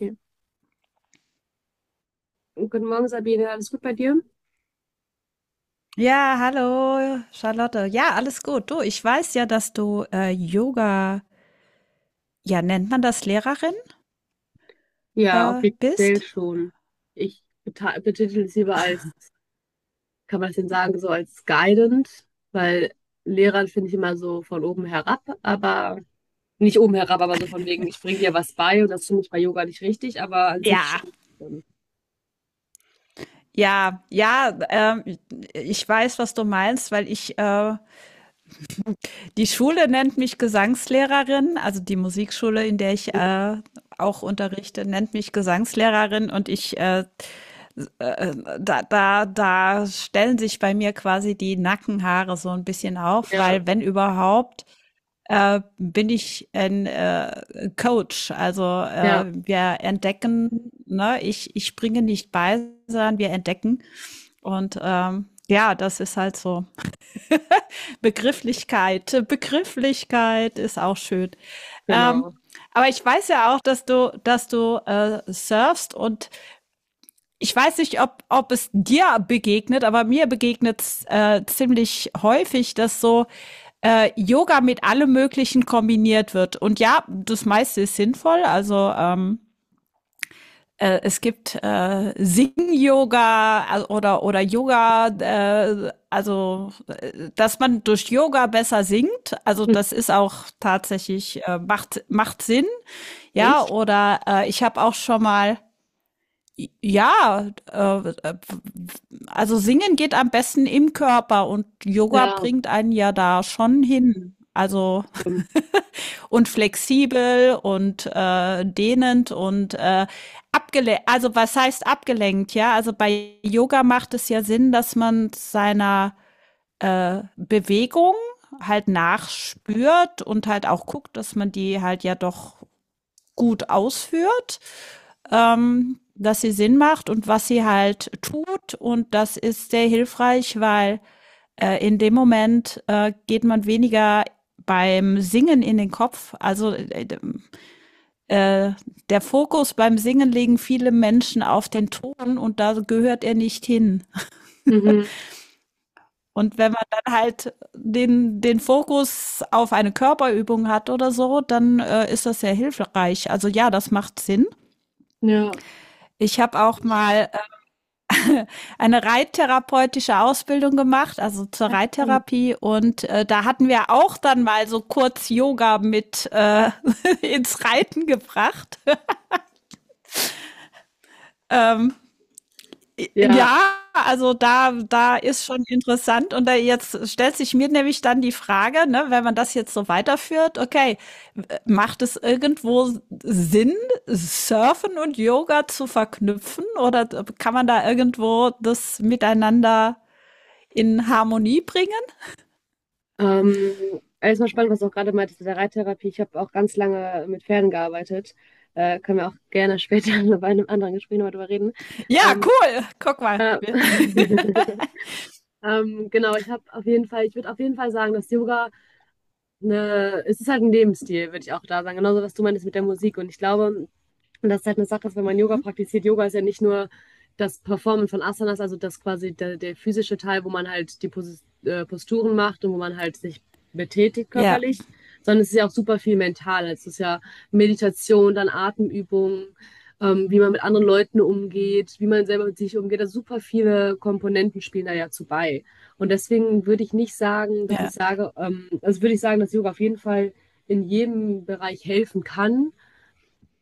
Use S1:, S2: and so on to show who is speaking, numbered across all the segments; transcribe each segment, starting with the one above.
S1: Okay. Guten Morgen, Sabine. Alles gut bei dir?
S2: Ja, hallo Charlotte. Ja, alles gut. Du, ich weiß ja, dass du Yoga, ja, nennt man das Lehrerin,
S1: Ja, offiziell
S2: bist?
S1: schon. Betitel es lieber als, kann man es denn sagen, so als guidant, weil Lehrern finde ich immer so von oben herab, aber nicht oben herab, aber so von wegen, ich bringe dir was bei und das finde ich bei Yoga nicht richtig, aber an sich
S2: Ja,
S1: stimmt schon.
S2: ja, ja, ich weiß, was du meinst, weil ich die Schule nennt mich Gesangslehrerin, also die Musikschule, in der ich auch unterrichte, nennt mich Gesangslehrerin und ich äh, äh, da, da, da stellen sich bei mir quasi die Nackenhaare so ein bisschen auf,
S1: Ja,
S2: weil wenn überhaupt, bin ich ein Coach. Also
S1: ja,
S2: wir entdecken, ne, ich bringe nicht bei, sondern wir entdecken. Und ja, das ist halt so. Begrifflichkeit, Begrifflichkeit ist auch schön. Ähm,
S1: genau.
S2: aber ich weiß ja auch, dass du surfst und ich weiß nicht, ob es dir begegnet, aber mir begegnet es ziemlich häufig, dass so Yoga mit allem Möglichen kombiniert wird. Und ja, das meiste ist sinnvoll. Also es gibt Sing-Yoga oder Yoga, dass man durch Yoga besser singt. Also
S1: Hm.
S2: das ist auch tatsächlich, macht Sinn. Ja,
S1: Echt?
S2: oder ich habe auch schon mal ja, also singen geht am besten im Körper und Yoga
S1: Ja,
S2: bringt einen ja da schon hin. Also
S1: stimmt.
S2: und flexibel und dehnend und abgelenkt. Also was heißt abgelenkt? Ja, also bei Yoga macht es ja Sinn, dass man seiner Bewegung halt nachspürt und halt auch guckt, dass man die halt ja doch gut ausführt, dass sie Sinn macht und was sie halt tut. Und das ist sehr hilfreich, weil in dem Moment geht man weniger beim Singen in den Kopf. Also äh, der Fokus beim Singen legen viele Menschen auf den Ton und da gehört er nicht hin.
S1: Mhm.
S2: Und wenn man dann halt den Fokus auf eine Körperübung hat oder so, dann ist das sehr hilfreich. Also ja, das macht Sinn.
S1: Ja.
S2: Ich habe auch mal eine reittherapeutische Ausbildung gemacht, also zur Reittherapie. Und da hatten wir auch dann mal so kurz Yoga mit ins Reiten gebracht. Ähm,
S1: Ja.
S2: ja, also da ist schon interessant. Und da jetzt stellt sich mir nämlich dann die Frage, ne, wenn man das jetzt so weiterführt, okay, macht es irgendwo Sinn, Surfen und Yoga zu verknüpfen? Oder kann man da irgendwo das miteinander in Harmonie bringen?
S1: Ähm, Alles mal spannend, was du auch gerade meintest mit der Reittherapie. Ich habe auch ganz lange mit Pferden gearbeitet. Können wir auch gerne später bei einem anderen Gespräch nochmal drüber reden.
S2: Ja,
S1: Ähm,
S2: cool. Guck mal.
S1: äh,
S2: Wir-
S1: genau, ich habe auf jeden Fall, ich würde auf jeden Fall sagen, dass Yoga eine, es ist halt ein Lebensstil, würde ich auch da sagen. Genauso, was du meinst mit der Musik. Und ich glaube, und das ist halt eine Sache, dass wenn man Yoga
S2: Mhm.
S1: praktiziert, Yoga ist ja nicht nur das Performen von Asanas, also das quasi der, der physische Teil, wo man halt die Posturen macht und wo man halt sich betätigt
S2: Ja,
S1: körperlich, sondern es ist ja auch super viel mental. Also es ist ja Meditation, dann Atemübungen, wie man mit anderen Leuten umgeht, wie man selber mit sich umgeht. Also super viele Komponenten spielen da ja zu bei. Und deswegen würde ich nicht sagen, dass ich
S2: ja,
S1: sage, also würde ich sagen, dass Yoga auf jeden Fall in jedem Bereich helfen kann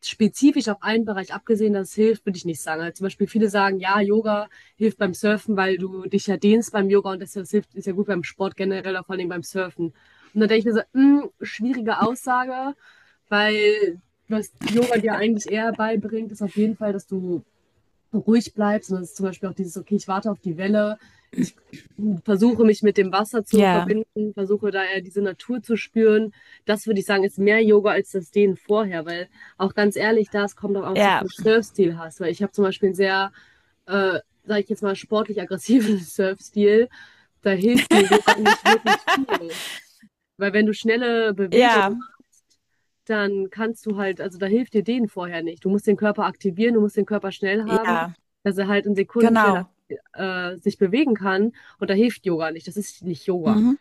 S1: spezifisch auf einen Bereich abgesehen, dass es hilft, würde ich nicht sagen. Also zum Beispiel viele sagen, ja, Yoga hilft beim Surfen, weil du dich ja dehnst beim Yoga und das, hilft, ist ja gut beim Sport generell, aber vor allem beim Surfen. Und dann denke ich mir so, mh, schwierige Aussage, weil was Yoga dir eigentlich eher beibringt, ist auf jeden Fall, dass du ruhig bleibt, sondern es ist zum Beispiel auch dieses, okay, ich warte auf die Welle, ich versuche mich mit dem Wasser zu
S2: ja,
S1: verbinden, versuche da eher diese Natur zu spüren. Das würde ich sagen, ist mehr Yoga als das Dehnen vorher, weil auch ganz ehrlich, da es kommt auch auf so
S2: ja,
S1: viel Surfstil hast, weil ich habe zum Beispiel einen sehr, äh, sage ich jetzt mal, sportlich aggressiven Surfstil. Da hilft mir Yoga nicht wirklich viel. Weil wenn du schnelle Bewegungen
S2: ja,
S1: machst, dann kannst du halt, also da hilft dir dehnen vorher nicht. Du musst den Körper aktivieren, du musst den Körper schnell haben,
S2: ja,
S1: dass er halt in Sekunden schnell
S2: genau.
S1: sich bewegen kann. Und da hilft Yoga nicht. Das ist nicht Yoga.
S2: Mhm.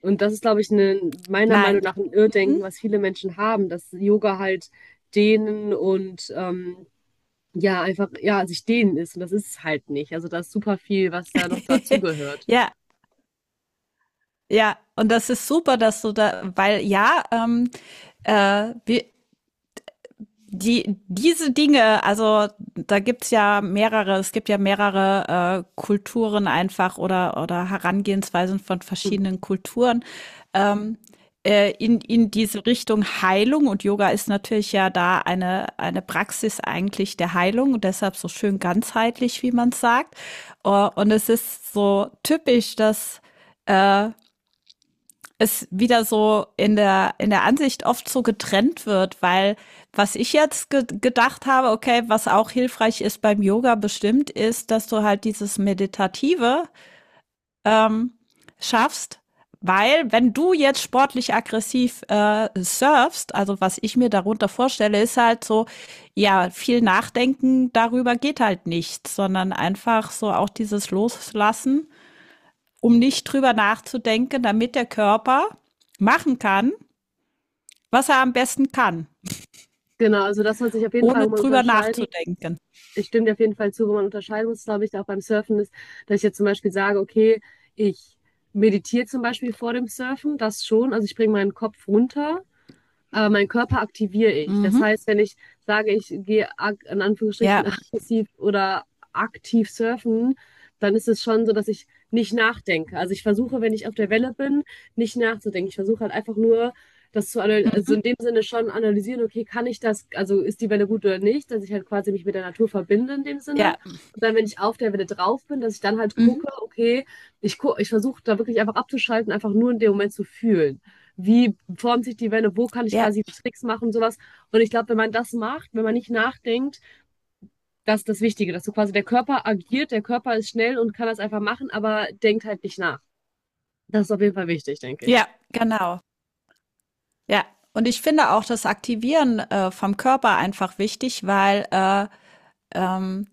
S1: Und das ist, glaube ich, meiner Meinung
S2: Nein.
S1: nach ein Irrdenken,
S2: Mhm.
S1: was viele Menschen haben, dass Yoga halt dehnen und ja, einfach, ja, sich dehnen ist. Und das ist es halt nicht. Also da ist super viel, was da noch dazugehört.
S2: ja, ja. Und das ist super, dass du da, weil ja, wir, die, diese Dinge, also da gibt's ja mehrere, es gibt ja mehrere Kulturen einfach oder Herangehensweisen von
S1: Mhm.
S2: verschiedenen Kulturen, ähm, in diese Richtung Heilung. Und Yoga ist natürlich ja da eine Praxis eigentlich der Heilung und deshalb so schön ganzheitlich, wie man sagt. Und es ist so typisch, dass äh, es wieder so in der Ansicht oft so getrennt wird, weil was ich jetzt ge gedacht habe, okay, was auch hilfreich ist beim Yoga bestimmt, ist, dass du halt dieses Meditative ähm, schaffst, weil wenn du jetzt sportlich aggressiv surfst, also was ich mir darunter vorstelle, ist halt so, ja, viel Nachdenken darüber geht halt nicht, sondern einfach so auch dieses Loslassen, um nicht drüber nachzudenken, damit der Körper machen kann, was er am besten kann,
S1: Genau, also das soll sich auf jeden Fall,
S2: ohne
S1: wo man
S2: drüber
S1: unterscheiden muss.
S2: nachzudenken.
S1: Ich stimme dir auf jeden Fall zu, wo man unterscheiden muss, glaube ich, auch beim Surfen ist, dass ich jetzt zum Beispiel sage, okay, ich meditiere zum Beispiel vor dem Surfen, das schon, also ich bringe meinen Kopf runter aber meinen Körper aktiviere ich. Das
S2: Mhm.
S1: heißt, wenn ich sage, in Anführungsstrichen
S2: Ja,
S1: aggressiv oder aktiv surfen, dann ist es schon so, dass ich nicht nachdenke. Also ich versuche, wenn ich auf der Welle bin, nicht nachzudenken. Ich versuche halt einfach nur, das zu analysieren, also in dem Sinne schon analysieren, okay, kann ich das, also ist die Welle gut oder nicht, dass ich halt quasi mich mit der Natur verbinde in dem Sinne.
S2: ja,
S1: Und dann, wenn ich auf der Welle drauf bin, dass ich dann halt
S2: mhm.
S1: gucke, okay, ich versuche da wirklich einfach abzuschalten, einfach nur in dem Moment zu fühlen wie formt sich die Welle, wo kann ich
S2: Ja,
S1: quasi Tricks machen und sowas. Und ich glaube, wenn man das macht, wenn man nicht nachdenkt, das ist das Wichtige, dass so quasi der Körper agiert, der Körper ist schnell und kann das einfach machen, aber denkt halt nicht nach. Das ist auf jeden Fall wichtig, denke ich.
S2: ja, genau. Ja, und ich finde auch das Aktivieren vom Körper einfach wichtig, weil ähm,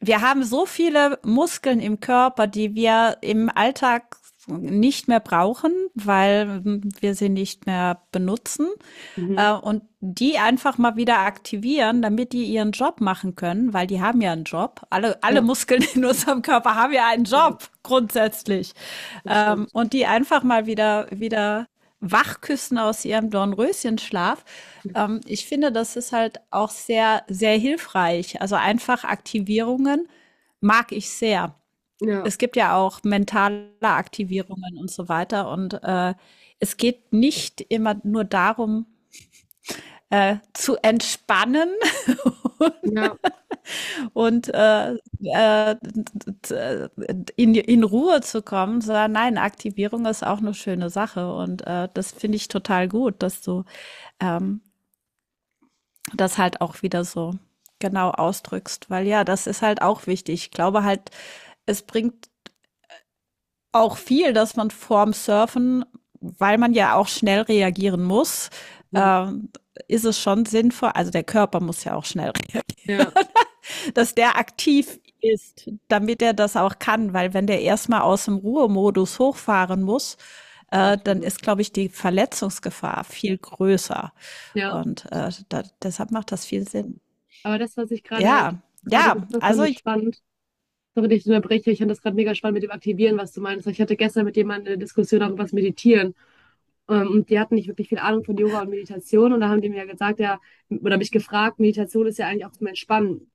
S2: wir haben so viele Muskeln im Körper, die wir im Alltag nicht mehr brauchen, weil wir sie nicht mehr benutzen.
S1: Mhm.
S2: Und die einfach mal wieder aktivieren, damit die ihren Job machen können, weil die haben ja einen Job. Alle
S1: Ja,
S2: Muskeln in unserem Körper haben ja einen
S1: ja,
S2: Job, grundsätzlich.
S1: das stimmt.
S2: Und die einfach mal wieder wachküssen aus ihrem Dornröschenschlaf. Ich finde, das ist halt auch sehr, sehr hilfreich. Also einfach Aktivierungen mag ich sehr.
S1: Ja,
S2: Es gibt ja auch mentale Aktivierungen und so weiter. Und es geht nicht immer nur darum, zu entspannen
S1: ja,
S2: und äh, in Ruhe zu kommen, sondern nein, Aktivierung ist auch eine schöne Sache und das finde ich total gut, dass du ähm, das halt auch wieder so genau ausdrückst, weil ja, das ist halt auch wichtig. Ich glaube halt, es bringt auch viel, dass man vorm Surfen, weil man ja auch schnell reagieren muss,
S1: mhm.
S2: äh, ist es schon sinnvoll, also der Körper muss ja auch schnell
S1: Ja,
S2: dass der aktiv ist, damit er das auch kann, weil wenn der erstmal aus dem Ruhemodus hochfahren muss, dann
S1: absolut.
S2: ist, glaube ich, die Verletzungsgefahr viel größer.
S1: Ja,
S2: Und deshalb macht das viel Sinn.
S1: aber das, was ich gerade
S2: Ja,
S1: gerade
S2: ja,
S1: gesagt habe,
S2: also
S1: fand ich spannend. Sorry, dass ich unterbreche. Ich fand das gerade mega spannend mit dem Aktivieren, was du meinst. Ich hatte gestern mit jemandem eine Diskussion darüber, was Meditieren. Und die hatten nicht wirklich viel Ahnung von Yoga und Meditation. Und da haben die mir ja gesagt, ja, oder mich gefragt, Meditation ist ja eigentlich auch zum Entspannen.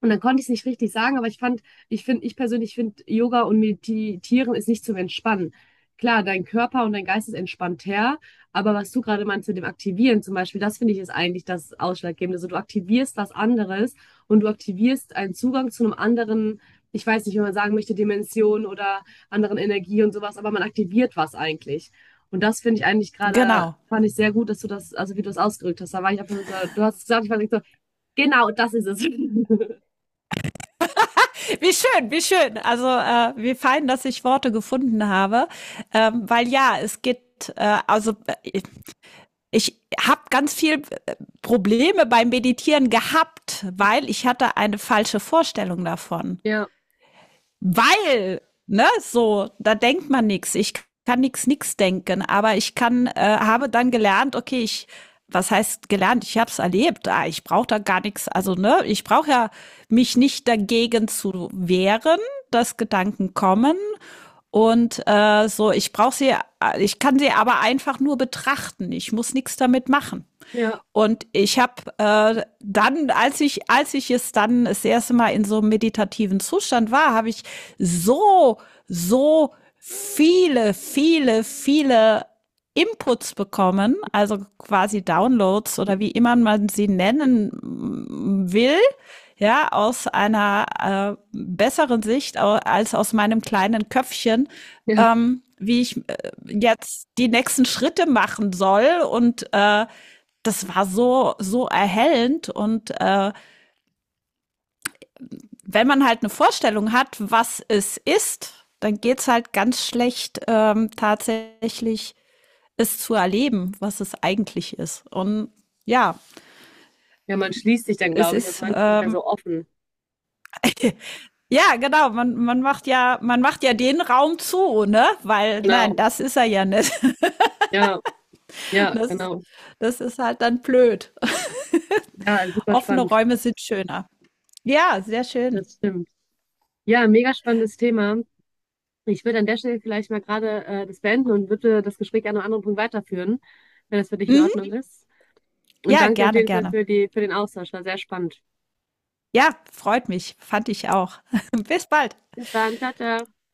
S1: Und dann konnte ich es nicht richtig sagen, aber ich fand, ich finde, ich persönlich finde, Yoga und Meditieren ist nicht zum Entspannen. Klar, dein Körper und dein Geist ist entspannter, aber was du gerade meinst mit dem Aktivieren zum Beispiel, das finde ich ist eigentlich das Ausschlaggebende. Also du aktivierst was anderes und du aktivierst einen Zugang zu einem anderen, ich weiß nicht, wie man sagen möchte, Dimension oder anderen Energie und sowas, aber man aktiviert was eigentlich. Und das finde ich eigentlich gerade,
S2: genau.
S1: fand ich sehr gut, dass du das, also wie du das ausgedrückt hast. Da war ich einfach so, du hast es gesagt, ich war so, genau, das ist es.
S2: Wie schön, wie schön. Also wie fein, dass ich Worte gefunden habe, weil ja, es geht, äh, Ich habe ganz viel Probleme beim Meditieren gehabt, weil ich hatte eine falsche Vorstellung davon.
S1: Ja.
S2: Weil, ne, so, da denkt man nichts. Ich kann nichts nichts denken, aber ich kann habe dann gelernt, okay, ich was heißt gelernt? Ich habe es erlebt. Ah, ich brauche da gar nichts. Also ne, ich brauche ja mich nicht dagegen zu wehren, dass Gedanken kommen und so. Ich brauche sie, ich kann sie aber einfach nur betrachten. Ich muss nichts damit machen.
S1: Ja,
S2: Und ich habe dann, als ich es dann das erste Mal in so einem meditativen Zustand war, habe ich so, so viele, viele, viele Inputs bekommen, also quasi Downloads oder wie immer man sie nennen will, ja, aus einer besseren Sicht als aus meinem kleinen Köpfchen,
S1: ja.
S2: wie ich jetzt die nächsten Schritte machen soll und das war so, so erhellend. Und wenn man halt eine Vorstellung hat, was es ist, dann geht's halt ganz schlecht, tatsächlich es zu erleben, was es eigentlich ist. Und ja,
S1: Ja, man schließt sich dann,
S2: es
S1: glaube ich. Also
S2: ist
S1: man ist nicht mehr so offen.
S2: ja, genau. Man, man macht ja den Raum zu, ne? Weil,
S1: Genau.
S2: nein, das ist er ja nicht.
S1: Ja, ja,
S2: Das ist,
S1: genau.
S2: das ist halt dann blöd.
S1: Ja, super
S2: Offene
S1: spannend.
S2: Räume sind schöner. Ja, sehr schön.
S1: Das stimmt. Ja, mega spannendes Thema. Ich würde an der Stelle vielleicht mal gerade das beenden und würde das Gespräch an einem anderen Punkt weiterführen, wenn das für dich in
S2: Mhm.
S1: Ordnung ist. Und
S2: Ja,
S1: danke dir auf
S2: gerne,
S1: jeden Fall
S2: gerne.
S1: für die, für den Austausch. War sehr spannend.
S2: Ja, freut mich. Fand ich auch. Bis bald.
S1: Bis dann. Ciao, ciao.